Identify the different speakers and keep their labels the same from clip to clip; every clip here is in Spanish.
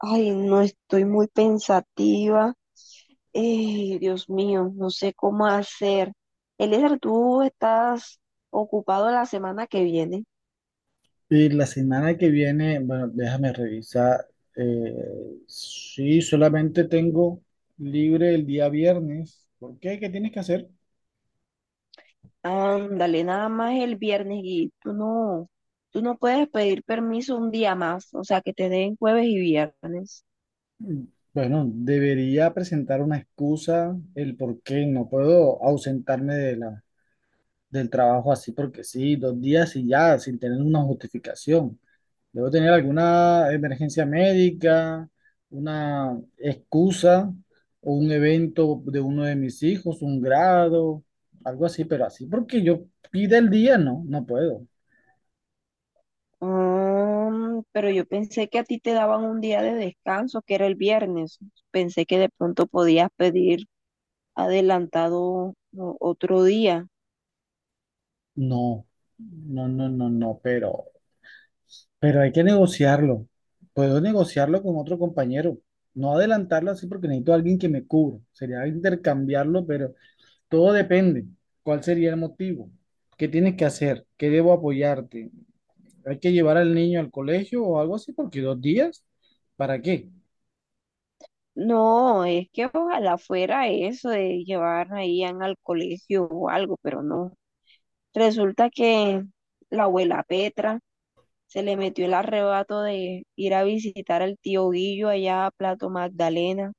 Speaker 1: Ay, no estoy muy pensativa. Dios mío, no sé cómo hacer. Eliezer, tú estás ocupado la semana que viene.
Speaker 2: Y la semana que viene, bueno, déjame revisar. eh, sí, solamente tengo libre el día viernes. ¿Por qué? ¿Qué tienes que hacer?
Speaker 1: Ándale, nada más el viernes y tú no puedes pedir permiso un día más, o sea, que te den jueves y viernes.
Speaker 2: Mm, Bueno, debería presentar una excusa, el por qué no puedo ausentarme de del trabajo así porque sí, 2 días y ya, sin tener una justificación. Debo tener alguna emergencia médica, una excusa o un evento de uno de mis hijos, un grado, algo así, pero así porque yo pide el día, no, no puedo.
Speaker 1: Mm, pero yo pensé que a ti te daban un día de descanso, que era el viernes. Pensé que de pronto podías pedir adelantado otro día.
Speaker 2: No, no, no, no, no, pero, hay que negociarlo. Puedo negociarlo con otro compañero. No adelantarlo así porque necesito a alguien que me cubra. Sería intercambiarlo, pero todo depende. ¿Cuál sería el motivo? ¿Qué tienes que hacer? ¿Qué debo apoyarte? ¿Hay que llevar al niño al colegio o algo así? Porque 2 días, ¿para qué?
Speaker 1: No, es que ojalá fuera eso de llevar a Ian al colegio o algo, pero no. Resulta que la abuela Petra se le metió el arrebato de ir a visitar al tío Guillo allá a Plato Magdalena.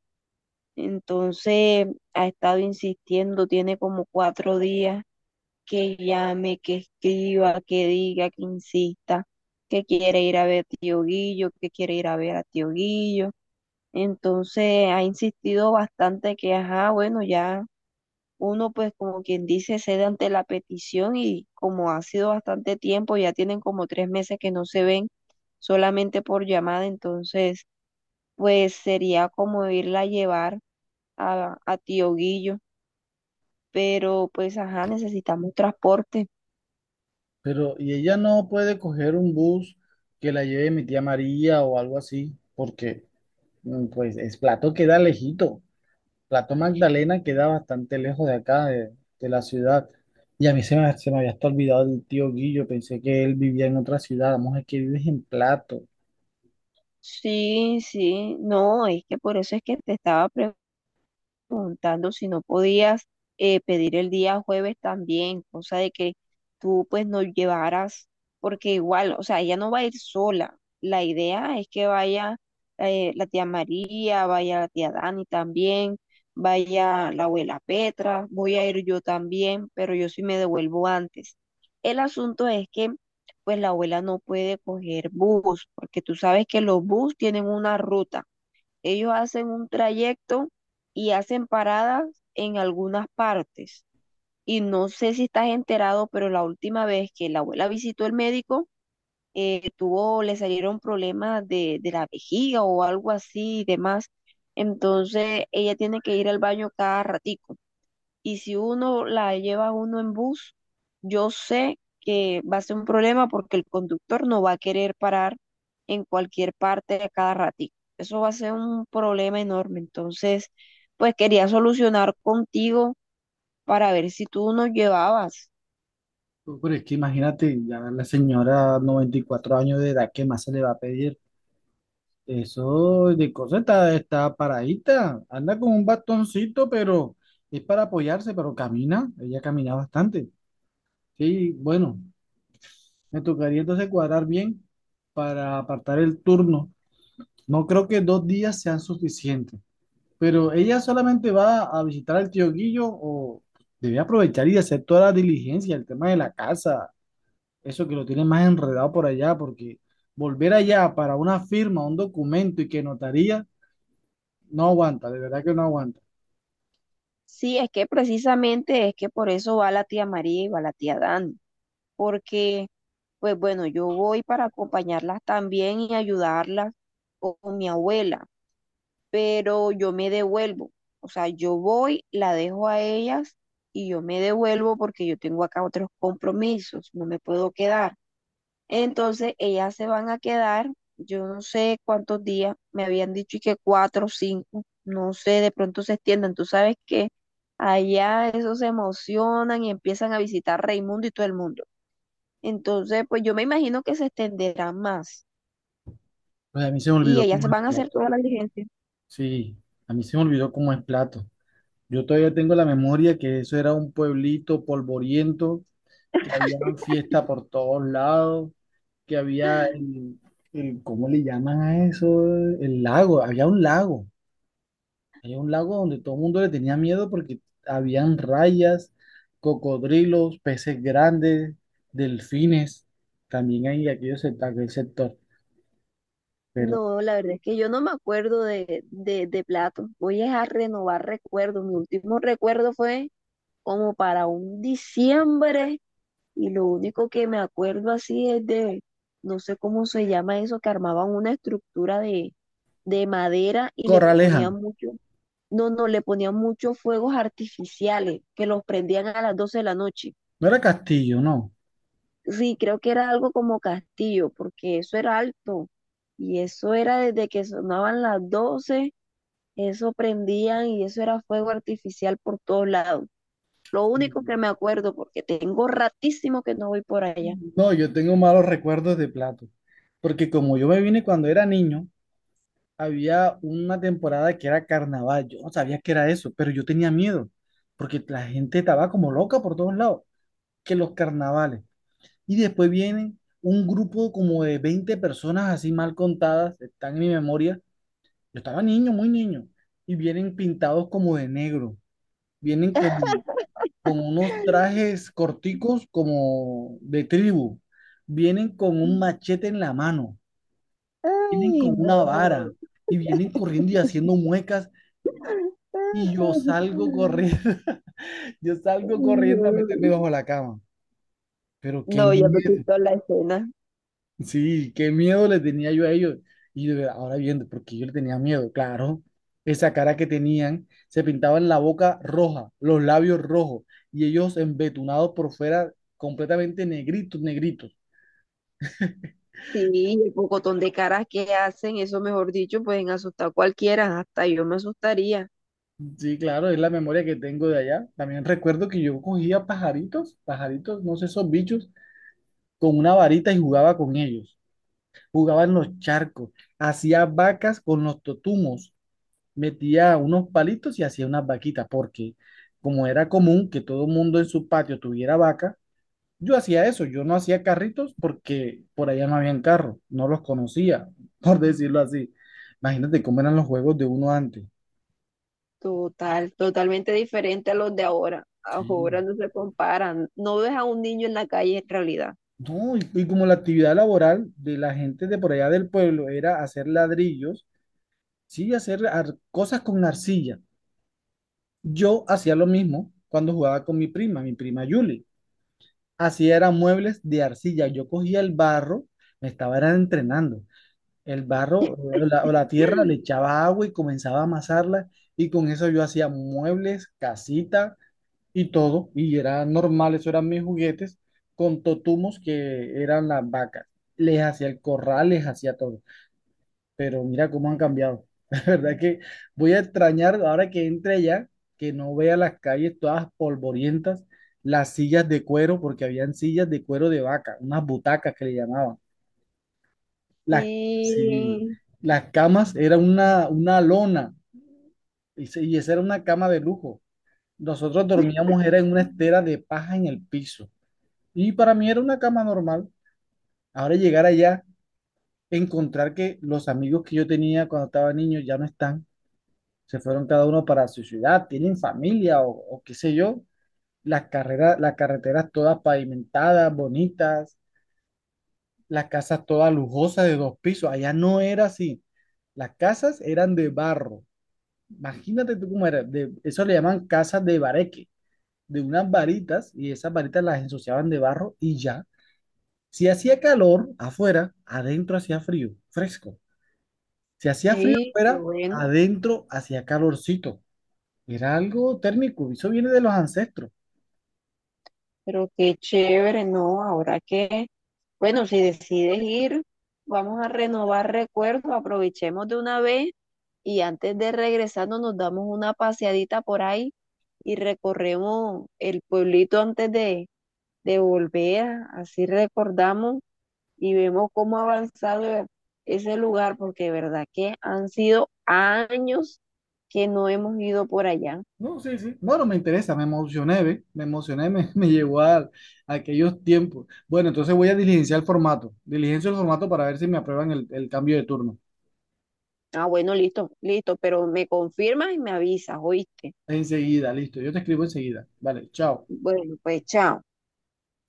Speaker 1: Entonces ha estado insistiendo, tiene como 4 días que llame, que escriba, que diga, que insista, que quiere ir a ver a tío Guillo, que quiere ir a ver a tío Guillo. Entonces ha insistido bastante que, ajá, bueno, ya uno pues como quien dice cede ante la petición y como ha sido bastante tiempo, ya tienen como 3 meses que no se ven solamente por llamada, entonces pues sería como irla a llevar a Tío Guillo, pero pues ajá, necesitamos transporte.
Speaker 2: Pero, y ella no puede coger un bus que la lleve mi tía María o algo así, porque pues es Plato queda lejito. Plato Magdalena queda bastante lejos de acá, de la ciudad. Y a mí se me había hasta olvidado el tío Guillo, pensé que él vivía en otra ciudad. Vamos, es que vives en Plato.
Speaker 1: Sí, sí, no, es que por eso es que te estaba preguntando si no podías pedir el día jueves también, cosa de que tú pues nos llevaras, porque igual, o sea, ella no va a ir sola. La idea es que vaya la tía María, vaya la tía Dani también, vaya la abuela Petra, voy a ir yo también, pero yo sí me devuelvo antes. El asunto es que pues la abuela no puede coger bus, porque tú sabes que los bus tienen una ruta. Ellos hacen un trayecto y hacen paradas en algunas partes. Y no sé si estás enterado, pero la última vez que la abuela visitó el médico, tuvo, le salieron problemas de la vejiga o algo así y demás. Entonces ella tiene que ir al baño cada ratico y si uno la lleva uno en bus, yo sé que va a ser un problema porque el conductor no va a querer parar en cualquier parte a cada ratito. Eso va a ser un problema enorme. Entonces, pues quería solucionar contigo para ver si tú nos llevabas.
Speaker 2: No, pero es que imagínate, ya la señora 94 años de edad, ¿qué más se le va a pedir? Eso de cosa está, paradita, anda con un bastoncito, pero es para apoyarse, pero camina, ella camina bastante. Sí, bueno, me tocaría entonces cuadrar bien para apartar el turno. No creo que 2 días sean suficientes, pero ella solamente va a visitar al tío Guillo o debe aprovechar y hacer toda la diligencia, el tema de la casa, eso que lo tiene más enredado por allá, porque volver allá para una firma, un documento y que notaría, no aguanta, de verdad que no aguanta.
Speaker 1: Sí, es que precisamente es que por eso va la tía María y va la tía Dani, porque pues bueno, yo voy para acompañarlas también y ayudarlas con mi abuela pero yo me devuelvo. O sea, yo voy, la dejo a ellas y yo me devuelvo porque yo tengo acá otros compromisos, no me puedo quedar. Entonces, ellas se van a quedar, yo no sé cuántos días, me habían dicho y que 4 o 5, no sé, de pronto se extiendan. Tú sabes que allá esos se emocionan y empiezan a visitar Raimundo y todo el mundo. Entonces, pues yo me imagino que se extenderán más
Speaker 2: Pues a mí se me
Speaker 1: y
Speaker 2: olvidó cómo
Speaker 1: ellas
Speaker 2: es
Speaker 1: van a hacer
Speaker 2: Plato.
Speaker 1: toda la diligencia.
Speaker 2: Sí, a mí se me olvidó cómo es Plato. Yo todavía tengo la memoria que eso era un pueblito polvoriento, que había fiesta por todos lados, que había ¿cómo le llaman a eso? El lago, había un lago. Hay un lago donde todo el mundo le tenía miedo porque habían rayas, cocodrilos, peces grandes, delfines. También hay aquel sector. Pero
Speaker 1: No, la verdad es que yo no me acuerdo de platos. Voy a renovar recuerdos. Mi último recuerdo fue como para un diciembre y lo único que me acuerdo así es de, no sé cómo se llama eso, que armaban una estructura de madera y le
Speaker 2: Corraleja,
Speaker 1: ponían mucho, no, no, le ponían muchos fuegos artificiales que los prendían a las 12 de la noche.
Speaker 2: no era Castillo, no.
Speaker 1: Sí, creo que era algo como castillo, porque eso era alto y eso era desde que sonaban las 12. Eso prendían y eso era fuego artificial por todos lados. Lo único que me acuerdo, porque tengo ratísimo que no voy por allá.
Speaker 2: No, yo tengo malos recuerdos de Plato. Porque como yo me vine cuando era niño, había una temporada que era carnaval. Yo no sabía que era eso, pero yo tenía miedo. Porque la gente estaba como loca por todos lados. Que los carnavales. Y después vienen un grupo como de 20 personas así mal contadas, están en mi memoria. Yo estaba niño, muy niño. Y vienen pintados como de negro. Vienen con unos trajes corticos como de tribu. Vienen con un machete en la mano. Vienen
Speaker 1: Ay,
Speaker 2: con
Speaker 1: no.
Speaker 2: una vara. Y vienen corriendo y haciendo muecas. Y yo salgo corriendo, yo salgo corriendo a meterme bajo la cama. Pero qué
Speaker 1: No, ya me
Speaker 2: miedo.
Speaker 1: pintó la escena.
Speaker 2: Sí, qué miedo le tenía yo a ellos. Y ahora viendo, porque yo le tenía miedo, claro. Esa cara que tenían, se pintaban la boca roja, los labios rojos, y ellos embetunados por fuera, completamente negritos, negritos.
Speaker 1: Sí, el pocotón de caras que hacen, eso mejor dicho, pueden asustar a cualquiera, hasta yo me asustaría.
Speaker 2: Sí, claro, es la memoria que tengo de allá. También recuerdo que yo cogía pajaritos, pajaritos, no sé, esos bichos, con una varita y jugaba con ellos. Jugaba en los charcos, hacía vacas con los totumos. Metía unos palitos y hacía unas vaquitas, porque como era común que todo el mundo en su patio tuviera vaca, yo hacía eso, yo no hacía carritos porque por allá no habían carros, no los conocía, por decirlo así. Imagínate cómo eran los juegos de uno antes.
Speaker 1: Total, totalmente diferente a los de ahora. Ahora
Speaker 2: Sí.
Speaker 1: no se comparan. No ves a un niño en la calle en realidad.
Speaker 2: No, y como la actividad laboral de la gente de por allá del pueblo era hacer ladrillos, sí, hacer cosas con arcilla. Yo hacía lo mismo cuando jugaba con mi prima Yuli. Así eran muebles de arcilla. Yo cogía el barro, me estaba era entrenando. El barro o o la tierra le echaba agua y comenzaba a amasarla y con eso yo hacía muebles, casita y todo. Y era normal, eso eran mis juguetes con totumos que eran las vacas. Les hacía el corral, les hacía todo, pero mira cómo han cambiado. La verdad que voy a extrañar ahora que entre allá, que no vea las calles todas polvorientas, las sillas de cuero, porque habían sillas de cuero de vaca, unas butacas que le llamaban. Las, sí,
Speaker 1: Sí,
Speaker 2: las camas era una lona y, y esa era una cama de lujo. Nosotros dormíamos era en una estera de paja en el piso y para mí era una cama normal. Ahora llegar allá, encontrar que los amigos que yo tenía cuando estaba niño ya no están, se fueron cada uno para su ciudad, tienen familia o qué sé yo. Las carreras, las carreteras todas pavimentadas, bonitas, las casas todas lujosas de dos pisos. Allá no era así. Las casas eran de barro. Imagínate tú cómo era. Eso le llaman casas de bareque, de unas varitas, y esas varitas las ensuciaban de barro y ya. Si hacía calor afuera, adentro hacía frío, fresco. Si hacía frío
Speaker 1: sí, qué
Speaker 2: afuera,
Speaker 1: bueno,
Speaker 2: adentro hacía calorcito. Era algo térmico, eso viene de los ancestros.
Speaker 1: pero qué chévere, ¿no? Ahora que, bueno, si decides ir, vamos a renovar recuerdos, aprovechemos de una vez y antes de regresarnos nos damos una paseadita por ahí y recorremos el pueblito antes de volver, así recordamos y vemos cómo ha avanzado ese lugar, porque de verdad que han sido años que no hemos ido por allá.
Speaker 2: No, sí, sí. Bueno, me interesa, me emocioné, ¿ve? Me emocioné, me llevó a aquellos tiempos. Bueno, entonces voy a diligenciar el formato. Diligencio el formato para ver si me aprueban el cambio de turno.
Speaker 1: Ah, bueno, listo, listo, pero me confirmas y me avisas, ¿oíste?
Speaker 2: Enseguida, listo. Yo te escribo enseguida. Vale, chao.
Speaker 1: Bueno, pues chao.